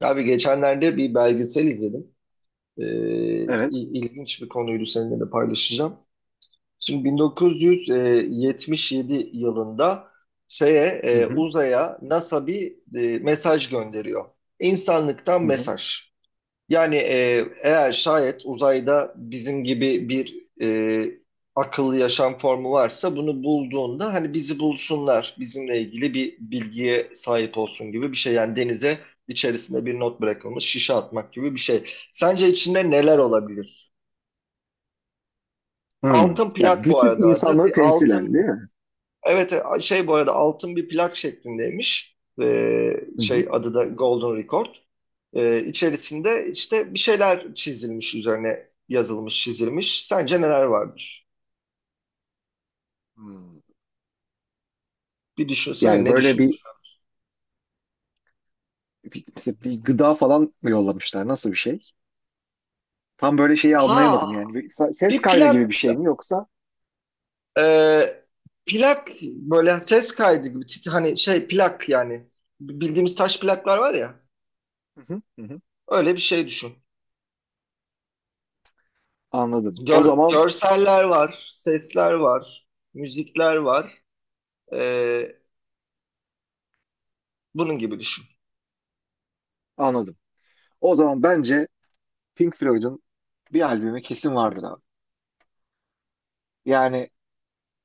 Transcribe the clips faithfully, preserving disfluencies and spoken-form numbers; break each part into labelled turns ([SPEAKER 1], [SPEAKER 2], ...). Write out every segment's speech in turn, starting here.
[SPEAKER 1] Abi geçenlerde bir belgesel izledim. Ee,
[SPEAKER 2] Evet.
[SPEAKER 1] il- ilginç bir konuydu seninle de paylaşacağım. Şimdi bin dokuz yüz yetmiş yedi yılında şeye
[SPEAKER 2] Hı
[SPEAKER 1] e,
[SPEAKER 2] hı.
[SPEAKER 1] uzaya NASA bir e, mesaj gönderiyor. İnsanlıktan
[SPEAKER 2] Hı hı.
[SPEAKER 1] mesaj. Yani e, eğer şayet uzayda bizim gibi bir e, akıllı yaşam formu varsa bunu bulduğunda hani bizi bulsunlar, bizimle ilgili bir bilgiye sahip olsun gibi bir şey. Yani denize içerisinde bir not bırakılmış şişe atmak gibi bir şey. Sence içinde neler
[SPEAKER 2] Evet.
[SPEAKER 1] olabilir?
[SPEAKER 2] Hı.
[SPEAKER 1] Altın
[SPEAKER 2] Ya
[SPEAKER 1] plak bu
[SPEAKER 2] bütün
[SPEAKER 1] arada adı.
[SPEAKER 2] insanlığı
[SPEAKER 1] Bir
[SPEAKER 2] temsilen
[SPEAKER 1] altın,
[SPEAKER 2] değil mi?
[SPEAKER 1] evet, e, şey bu arada altın bir plak şeklindeymiş. E,
[SPEAKER 2] Hı hı.
[SPEAKER 1] şey adı da Golden Record. Ee, içerisinde işte bir şeyler çizilmiş, üzerine yazılmış çizilmiş. Sence neler vardır?
[SPEAKER 2] Hmm.
[SPEAKER 1] Bir düşünsene,
[SPEAKER 2] Yani
[SPEAKER 1] ne
[SPEAKER 2] böyle
[SPEAKER 1] düşünmüş?
[SPEAKER 2] bir bir, mesela bir gıda falan mı yollamışlar? Nasıl bir şey? Tam böyle şeyi
[SPEAKER 1] Ha,
[SPEAKER 2] anlayamadım yani. Bir sa- ses
[SPEAKER 1] bir
[SPEAKER 2] kaydı gibi bir
[SPEAKER 1] plak,
[SPEAKER 2] şey mi yoksa?
[SPEAKER 1] e, plak böyle ses kaydı gibi, tit- hani şey plak yani, bildiğimiz taş plaklar var ya,
[SPEAKER 2] Hı hı. Hı hı.
[SPEAKER 1] öyle bir şey düşün.
[SPEAKER 2] Anladım. O
[SPEAKER 1] Gör-
[SPEAKER 2] zaman
[SPEAKER 1] görseller var, sesler var, müzikler var. Ee, Bunun gibi düşün.
[SPEAKER 2] anladım. O zaman bence Pink Floyd'un bir albümü kesin vardır abi. Yani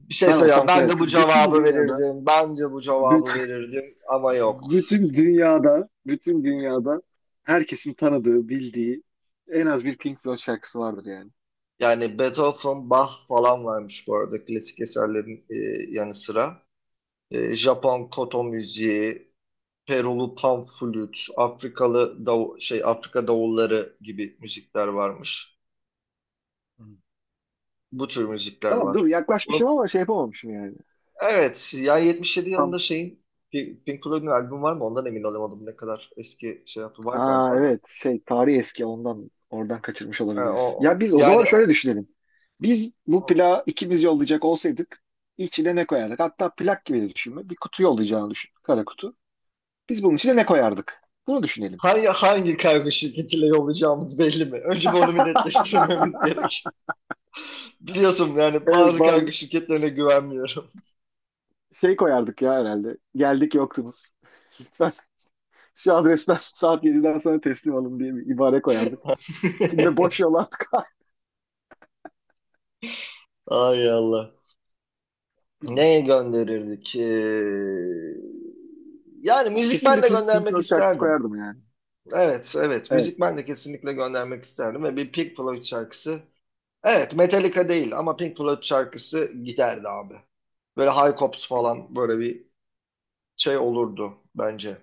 [SPEAKER 1] Bir şey
[SPEAKER 2] ben
[SPEAKER 1] söyle ya,
[SPEAKER 2] olsam
[SPEAKER 1] ben
[SPEAKER 2] koyarım.
[SPEAKER 1] de bu
[SPEAKER 2] Çünkü bütün
[SPEAKER 1] cevabı
[SPEAKER 2] dünyada
[SPEAKER 1] verirdim, bence bu cevabı
[SPEAKER 2] bütün
[SPEAKER 1] verirdim ama yok.
[SPEAKER 2] Bütün dünyada, bütün dünyada herkesin tanıdığı, bildiği en az bir Pink Floyd şarkısı vardır yani.
[SPEAKER 1] Yani Beethoven, Bach falan varmış bu arada klasik eserlerin e, yanı sıra. E, Japon koto müziği, Perulu panflüt, Afrikalı dav şey Afrika davulları gibi müzikler varmış.
[SPEAKER 2] Hı.
[SPEAKER 1] Bu tür müzikler
[SPEAKER 2] Tamam
[SPEAKER 1] var.
[SPEAKER 2] dur yaklaşmışım
[SPEAKER 1] Bunu-
[SPEAKER 2] ama şey yapamamışım yani.
[SPEAKER 1] evet, yani yetmiş yedi yılında
[SPEAKER 2] Tam
[SPEAKER 1] şeyin Pi- Pink Floyd'un albüm var mı? Ondan emin olamadım, ne kadar eski şey yaptı, var
[SPEAKER 2] aa
[SPEAKER 1] galiba da.
[SPEAKER 2] evet şey tarih eski ondan oradan kaçırmış
[SPEAKER 1] E,
[SPEAKER 2] olabiliriz.
[SPEAKER 1] o
[SPEAKER 2] Ya biz o zaman
[SPEAKER 1] yani
[SPEAKER 2] şöyle
[SPEAKER 1] o-
[SPEAKER 2] düşünelim. Biz bu
[SPEAKER 1] o-
[SPEAKER 2] plağı ikimiz yollayacak olsaydık içine ne koyardık? Hatta plak gibi de düşünme. Bir kutu yollayacağını düşün. Kara kutu. Biz bunun içine ne koyardık? Bunu düşünelim.
[SPEAKER 1] hangi hangi kargo şirketiyle yollayacağımız belli mi? Önce bir onu bir netleştirmemiz gerek. Biliyorsun yani
[SPEAKER 2] Evet,
[SPEAKER 1] bazı
[SPEAKER 2] bazı
[SPEAKER 1] kargo şirketlerine güvenmiyorum.
[SPEAKER 2] şey koyardık ya herhalde. Geldik yoktunuz. Lütfen şu adresten saat yediden sonra teslim alın diye bir ibare koyardık. Şimdi boş yol artık.
[SPEAKER 1] Ay Allah. Neye gönderirdik? Ee, yani
[SPEAKER 2] Ben kesin bir
[SPEAKER 1] müzikmenle
[SPEAKER 2] Pink
[SPEAKER 1] göndermek
[SPEAKER 2] Floyd şarkısı
[SPEAKER 1] isterdim.
[SPEAKER 2] koyardım yani.
[SPEAKER 1] Evet, evet.
[SPEAKER 2] Evet.
[SPEAKER 1] Müzikmenle kesinlikle göndermek isterdim. Ve bir Pink Floyd şarkısı. Evet, Metallica değil ama Pink Floyd şarkısı giderdi abi. Böyle High Hopes
[SPEAKER 2] Bir,
[SPEAKER 1] falan böyle bir şey olurdu bence.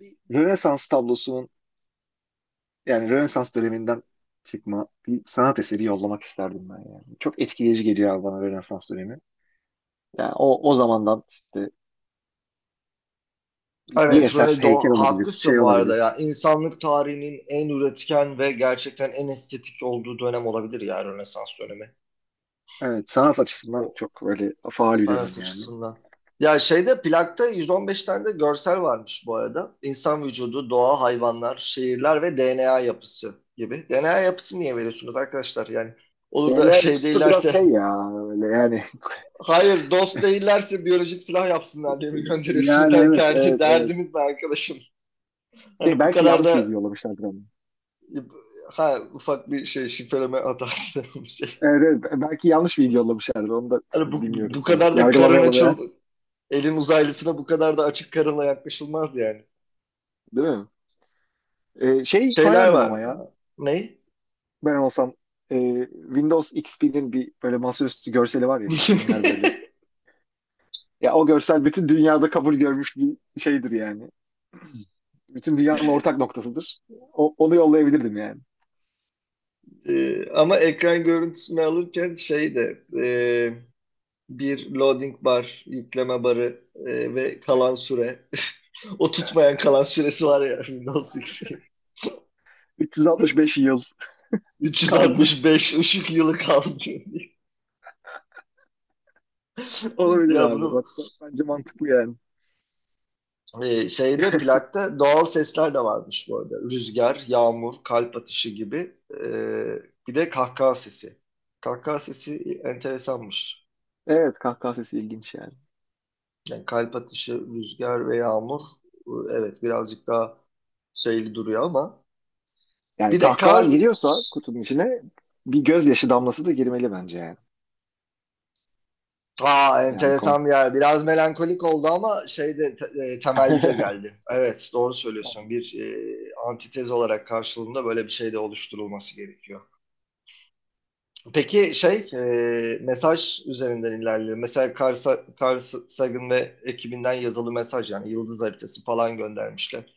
[SPEAKER 2] bir Rönesans tablosunun, yani Rönesans döneminden çıkma bir sanat eseri yollamak isterdim ben yani. Çok etkileyici geliyor abi bana Rönesans dönemi. Yani o, o zamandan işte bir, bir
[SPEAKER 1] Evet,
[SPEAKER 2] eser,
[SPEAKER 1] Röne
[SPEAKER 2] heykel
[SPEAKER 1] do-
[SPEAKER 2] olabilir,
[SPEAKER 1] haklısın
[SPEAKER 2] şey
[SPEAKER 1] bu arada
[SPEAKER 2] olabilir.
[SPEAKER 1] ya. İnsanlık tarihinin en üretken ve gerçekten en estetik olduğu dönem olabilir ya, Rönesans dönemi.
[SPEAKER 2] Evet, sanat açısından
[SPEAKER 1] O,
[SPEAKER 2] çok böyle faal bir dönem
[SPEAKER 1] sanat
[SPEAKER 2] yani.
[SPEAKER 1] açısından. Ya şeyde plakta yüz on beş tane de görsel varmış bu arada. İnsan vücudu, doğa, hayvanlar, şehirler ve D N A yapısı gibi. D N A yapısı niye veriyorsunuz arkadaşlar? Yani olur da
[SPEAKER 2] D N A
[SPEAKER 1] şey
[SPEAKER 2] yapısı da biraz
[SPEAKER 1] değillerse,
[SPEAKER 2] şey ya öyle yani.
[SPEAKER 1] hayır, dost değillerse biyolojik silah yapsınlar diye mi gönderiyorsunuz?
[SPEAKER 2] Yani
[SPEAKER 1] Hani
[SPEAKER 2] evet,
[SPEAKER 1] derdi-
[SPEAKER 2] evet, evet.
[SPEAKER 1] derdiniz ne arkadaşım?
[SPEAKER 2] Şey,
[SPEAKER 1] Hani bu
[SPEAKER 2] belki
[SPEAKER 1] kadar
[SPEAKER 2] yanlış bilgi
[SPEAKER 1] da.
[SPEAKER 2] yollamışlardır ama.
[SPEAKER 1] Ha, ufak bir şey şifreleme hatası, bir şey.
[SPEAKER 2] Evet, evet, belki yanlış bilgi yollamışlardır. Onu da
[SPEAKER 1] Hani
[SPEAKER 2] şimdi
[SPEAKER 1] bu, bu
[SPEAKER 2] bilmiyoruz tam.
[SPEAKER 1] kadar da karın
[SPEAKER 2] Yargılamayalım ya.
[SPEAKER 1] açıl elin uzaylısına bu kadar da açık karınla yaklaşılmaz yani.
[SPEAKER 2] Değil mi? Ee, şey
[SPEAKER 1] Şeyler
[SPEAKER 2] koyardım
[SPEAKER 1] var.
[SPEAKER 2] ama ya.
[SPEAKER 1] Ha, ne?
[SPEAKER 2] Ben olsam e, Windows X P'nin bir böyle masaüstü görseli var ya. Çimler böyle. Ya o görsel bütün dünyada kabul görmüş bir şeydir yani. Bütün dünyanın ortak noktasıdır. O- onu yollayabilirdim yani.
[SPEAKER 1] Ee, ama ekran görüntüsünü alırken şey de e, bir loading bar, yükleme barı e, ve kalan süre. O tutmayan kalan süresi var ya, Windows X.
[SPEAKER 2] üç yüz altmış beş yıl kaldı.
[SPEAKER 1] üç yüz altmış beş ışık yılı kaldı.
[SPEAKER 2] Olabilir
[SPEAKER 1] Ya
[SPEAKER 2] abi.
[SPEAKER 1] bunu.
[SPEAKER 2] Bak, bak, bence mantıklı yani.
[SPEAKER 1] Ee, şeyde Plakta doğal sesler de varmış bu arada. Rüzgar, yağmur, kalp atışı gibi. Ee, bir de kahkaha sesi. Kahkaha sesi enteresanmış.
[SPEAKER 2] Evet, kahkaha sesi ilginç yani.
[SPEAKER 1] Yani kalp atışı, rüzgar ve yağmur e, evet, birazcık daha şeyli duruyor ama.
[SPEAKER 2] Yani
[SPEAKER 1] Bir de
[SPEAKER 2] kahkaha
[SPEAKER 1] kar.
[SPEAKER 2] giriyorsa kutunun içine bir gözyaşı damlası da girmeli bence yani.
[SPEAKER 1] Aa,
[SPEAKER 2] Ya, bir konu.
[SPEAKER 1] enteresan bir yer. Biraz melankolik oldu ama şeyde te- e, temelli de geldi. Evet, doğru söylüyorsun. Bir e, antitez olarak karşılığında böyle bir şey de oluşturulması gerekiyor. Peki şey e, mesaj üzerinden ilerliyor. Mesela Carl, Sa- Carl Sagan ve ekibinden yazılı mesaj, yani yıldız haritası falan göndermişler.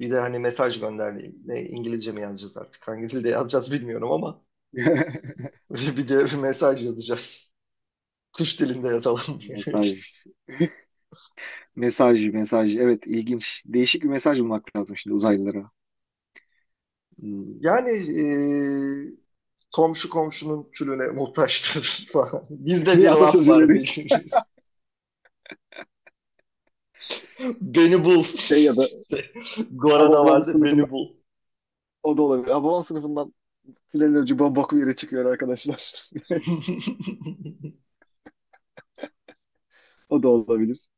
[SPEAKER 1] Bir de hani mesaj gönderdi. Ne, İngilizce mi yazacağız artık? Hangi dilde yazacağız bilmiyorum ama bir de bir mesaj yazacağız. Kuş dilinde yazalım.
[SPEAKER 2] Mesaj, mesaj, mesaj. Evet, ilginç. Değişik bir mesaj bulmak lazım şimdi uzaylılara. Hmm.
[SPEAKER 1] Yani e, komşu komşunun külüne muhtaçtır falan. Bizde bir
[SPEAKER 2] Bir
[SPEAKER 1] laf
[SPEAKER 2] atasözüyle
[SPEAKER 1] var
[SPEAKER 2] değil.
[SPEAKER 1] bildiğiniz. Beni bul.
[SPEAKER 2] Şey ya da
[SPEAKER 1] Gora'da
[SPEAKER 2] Hababam
[SPEAKER 1] vardı,
[SPEAKER 2] sınıfından,
[SPEAKER 1] beni bul.
[SPEAKER 2] o da olabilir. Hababam sınıfından. Tünelin ucu bok yere çıkıyor arkadaşlar. O da olabilir.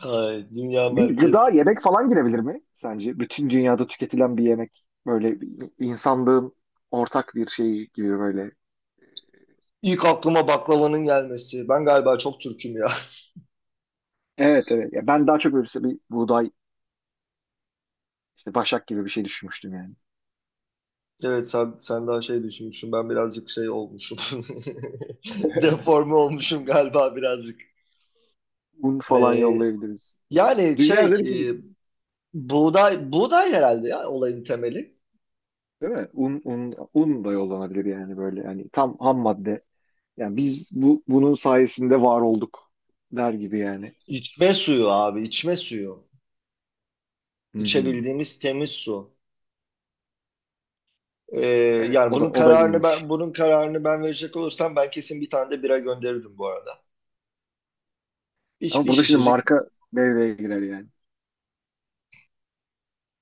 [SPEAKER 1] Ay, dünya
[SPEAKER 2] Bir gıda,
[SPEAKER 1] merkez.
[SPEAKER 2] yemek falan girebilir mi sence? Bütün dünyada tüketilen bir yemek. Böyle insanlığın ortak bir şeyi gibi böyle.
[SPEAKER 1] İlk aklıma baklavanın gelmesi. Ben galiba çok Türk'üm ya.
[SPEAKER 2] Evet, evet. Ya ben daha çok böyle işte bir buğday, işte başak gibi bir şey düşünmüştüm yani.
[SPEAKER 1] Evet, sen, sen daha şey düşünmüşsün. Ben birazcık şey olmuşum. Deforme olmuşum galiba birazcık.
[SPEAKER 2] Un falan
[SPEAKER 1] Ee,
[SPEAKER 2] yollayabiliriz.
[SPEAKER 1] Yani
[SPEAKER 2] Dünya
[SPEAKER 1] şey
[SPEAKER 2] üzerindeki,
[SPEAKER 1] e, buğday, buğday herhalde ya olayın temeli.
[SPEAKER 2] değil mi? Un, un, un da yollanabilir yani böyle. Yani tam ham madde. Yani biz bu bunun sayesinde var olduk der gibi yani.
[SPEAKER 1] İçme suyu abi, içme suyu.
[SPEAKER 2] Hmm.
[SPEAKER 1] İçebildiğimiz temiz su. Ee,
[SPEAKER 2] Evet,
[SPEAKER 1] Yani
[SPEAKER 2] o da
[SPEAKER 1] bunun
[SPEAKER 2] o da
[SPEAKER 1] kararını ben
[SPEAKER 2] iyiymiş.
[SPEAKER 1] bunun kararını ben verecek olursam ben kesin bir tane de bira gönderirdim bu arada. Bir,
[SPEAKER 2] Ama
[SPEAKER 1] bir
[SPEAKER 2] burada şimdi
[SPEAKER 1] şişecik.
[SPEAKER 2] marka devreye girer yani.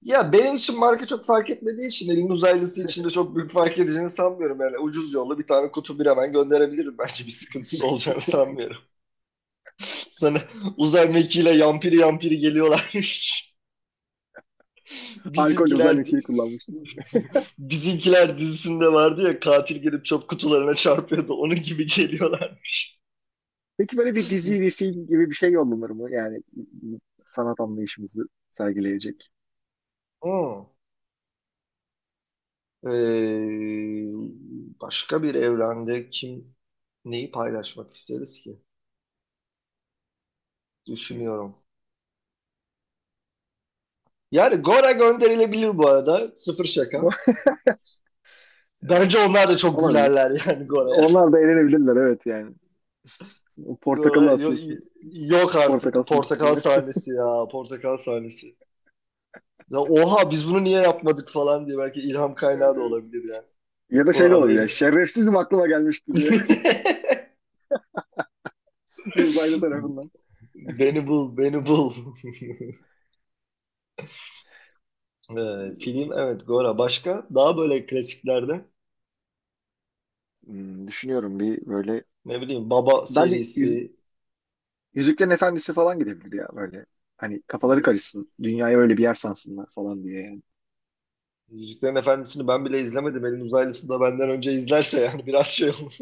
[SPEAKER 1] Ya benim için marka çok fark etmediği için elin uzaylısı için de çok büyük fark edeceğini sanmıyorum. Yani ucuz yolla bir tane kutu bir hemen gönderebilirim. Bence bir sıkıntısı olacağını sanmıyorum. Sana uzay mekiğiyle yampiri yampiri geliyorlarmış.
[SPEAKER 2] Alkol özel
[SPEAKER 1] Bizimkiler
[SPEAKER 2] ülkeyi kullanmıştım.
[SPEAKER 1] Bizimkiler dizisinde vardı ya, katil gelip çöp kutularına çarpıyordu. Onun gibi geliyorlar.
[SPEAKER 2] Peki böyle bir dizi, bir film gibi bir şey yollanır mı? Yani bizim sanat anlayışımızı sergileyecek.
[SPEAKER 1] Hmm. Ee, Başka bir evrende kim neyi paylaşmak isteriz ki?
[SPEAKER 2] Hmm.
[SPEAKER 1] Düşünüyorum. Yani Gora gönderilebilir bu arada. Sıfır şaka.
[SPEAKER 2] Evet.
[SPEAKER 1] Bence onlar da çok
[SPEAKER 2] Olabilir.
[SPEAKER 1] gülerler yani Gora'ya.
[SPEAKER 2] Onlar da eğlenebilirler, evet yani. O
[SPEAKER 1] Gora,
[SPEAKER 2] Portakalı atıyorsun.
[SPEAKER 1] yok
[SPEAKER 2] Portakal
[SPEAKER 1] artık.
[SPEAKER 2] suyu
[SPEAKER 1] Portakal
[SPEAKER 2] çıkıyor.
[SPEAKER 1] sahnesi ya. Portakal sahnesi. Ya oha, biz bunu niye yapmadık falan diye belki ilham kaynağı
[SPEAKER 2] Evet,
[SPEAKER 1] da
[SPEAKER 2] evet.
[SPEAKER 1] olabilir yani.
[SPEAKER 2] Ya da şey de
[SPEAKER 1] Oha
[SPEAKER 2] olabilir.
[SPEAKER 1] beni.
[SPEAKER 2] Yani, şerefsizim aklıma gelmişti diye. Bir uzaylı tarafından.
[SPEAKER 1] Beni bul, beni bul. Ee, film, evet, Gora. Başka daha böyle klasiklerde
[SPEAKER 2] Hmm, düşünüyorum bir böyle.
[SPEAKER 1] ne bileyim, Baba
[SPEAKER 2] Bence Yüz-
[SPEAKER 1] serisi,
[SPEAKER 2] Yüzüklerin Efendisi falan gidebilir ya böyle. Hani kafaları karışsın. Dünyayı öyle bir yer sansınlar falan diye yani.
[SPEAKER 1] Yüzüklerin Efendisi'ni ben bile izlemedim. Elin uzaylısı da benden önce izlerse yani biraz şey olur.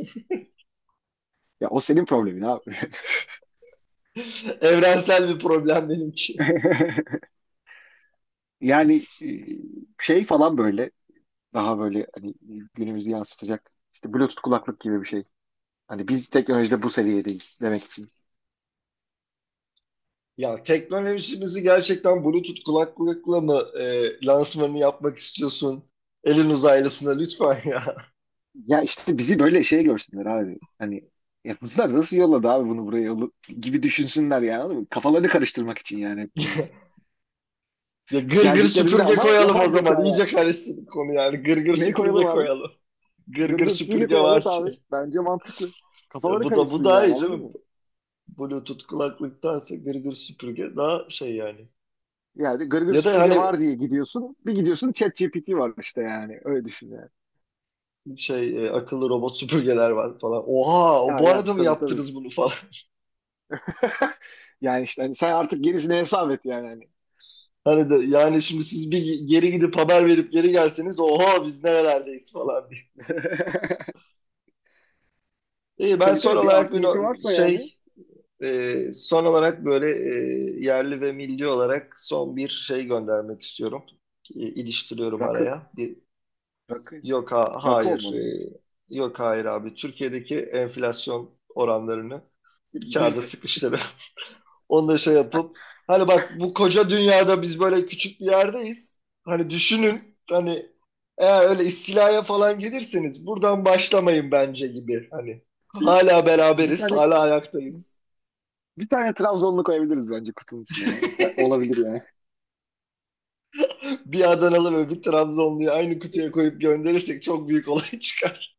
[SPEAKER 2] Ya o senin problemin abi.
[SPEAKER 1] Evrensel bir problem benimki.
[SPEAKER 2] Yani e, şey falan böyle, daha böyle hani günümüzü yansıtacak işte Bluetooth kulaklık gibi bir şey. Hani biz teknolojide bu seviyedeyiz demek için.
[SPEAKER 1] Ya teknolojimizi gerçekten Bluetooth kulaklıkla mı e, lansmanını yapmak istiyorsun? Elin uzaylısına lütfen ya.
[SPEAKER 2] Ya işte bizi böyle şey görsünler abi. Hani, ya bunlar nasıl yolladı abi bunu buraya yolla- gibi düşünsünler yani. Anladın mı? Kafalarını karıştırmak için yani hep bunlar.
[SPEAKER 1] Ya gır gır
[SPEAKER 2] Geldiklerinde
[SPEAKER 1] süpürge
[SPEAKER 2] ama
[SPEAKER 1] koyalım o
[SPEAKER 2] yapay
[SPEAKER 1] zaman.
[SPEAKER 2] zekaya.
[SPEAKER 1] İyice karışsın konu yani. Gır gır
[SPEAKER 2] Ne koyalım
[SPEAKER 1] süpürge
[SPEAKER 2] abi?
[SPEAKER 1] koyalım. Gır gır
[SPEAKER 2] Gırgır süpürge
[SPEAKER 1] süpürge
[SPEAKER 2] koy. Evet
[SPEAKER 1] var diye.
[SPEAKER 2] abi. Bence mantıklı. Kafaları
[SPEAKER 1] Bu da bu
[SPEAKER 2] karışsın
[SPEAKER 1] daha
[SPEAKER 2] yani,
[SPEAKER 1] iyi
[SPEAKER 2] anladın
[SPEAKER 1] canım.
[SPEAKER 2] mı?
[SPEAKER 1] Bluetooth kulaklıktansa gır gır süpürge daha şey yani.
[SPEAKER 2] Yani gırgır
[SPEAKER 1] Ya da
[SPEAKER 2] süpürge
[SPEAKER 1] hani
[SPEAKER 2] var diye gidiyorsun. Bir gidiyorsun ChatGPT var işte yani. Öyle düşün yani.
[SPEAKER 1] şey e, akıllı robot süpürgeler var falan. Oha, o
[SPEAKER 2] Ha,
[SPEAKER 1] bu
[SPEAKER 2] yani
[SPEAKER 1] arada mı
[SPEAKER 2] tabii, tabii.
[SPEAKER 1] yaptınız bunu falan.
[SPEAKER 2] Yani işte hani sen artık gerisini hesap et yani. Hani.
[SPEAKER 1] Hani de yani şimdi siz bir geri gidip haber verip geri gelseniz oha biz nerelerdeyiz falan diye. İyi, ben
[SPEAKER 2] Tabii,
[SPEAKER 1] son
[SPEAKER 2] tabii, bir
[SPEAKER 1] olarak
[SPEAKER 2] art
[SPEAKER 1] bir
[SPEAKER 2] niyeti
[SPEAKER 1] no-
[SPEAKER 2] varsa yani.
[SPEAKER 1] şey e, son olarak böyle e, yerli ve milli olarak son bir şey göndermek istiyorum. E, iliştiriyorum
[SPEAKER 2] Rakı.
[SPEAKER 1] araya. Bir,
[SPEAKER 2] Rakı.
[SPEAKER 1] yok, ha,
[SPEAKER 2] Rakı
[SPEAKER 1] hayır,
[SPEAKER 2] olmalı mı?
[SPEAKER 1] e, yok, hayır abi, Türkiye'deki enflasyon oranlarını bir kağıda sıkıştırın. Onu da şey yapıp, hani bak, bu koca dünyada biz böyle küçük bir yerdeyiz. Hani düşünün, hani eğer öyle istilaya falan gelirseniz buradan başlamayın bence gibi. Hani
[SPEAKER 2] Şey,
[SPEAKER 1] hala
[SPEAKER 2] bir
[SPEAKER 1] beraberiz,
[SPEAKER 2] tane
[SPEAKER 1] hala ayaktayız.
[SPEAKER 2] bir tane Trabzonlu koyabiliriz bence kutunun içine ya. Olabilir yani.
[SPEAKER 1] Bir Adanalı ve bir Trabzonluyu aynı kutuya koyup gönderirsek çok büyük olay çıkar.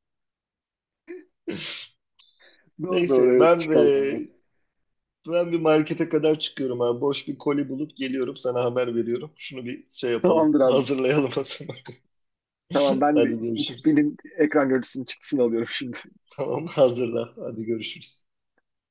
[SPEAKER 2] Doğru doğru,
[SPEAKER 1] Neyse,
[SPEAKER 2] evet,
[SPEAKER 1] ben
[SPEAKER 2] çıkar
[SPEAKER 1] ve
[SPEAKER 2] yani.
[SPEAKER 1] ben bir markete kadar çıkıyorum abi. Boş bir koli bulup geliyorum, sana haber veriyorum. Şunu bir şey yapalım.
[SPEAKER 2] Tamamdır abi.
[SPEAKER 1] Hazırlayalım o zaman.
[SPEAKER 2] Tamam ben de
[SPEAKER 1] Hadi
[SPEAKER 2] x
[SPEAKER 1] görüşürüz.
[SPEAKER 2] XP'nin ekran görüntüsünün çıktısını alıyorum şimdi.
[SPEAKER 1] Tamam, hazırla. Hadi görüşürüz.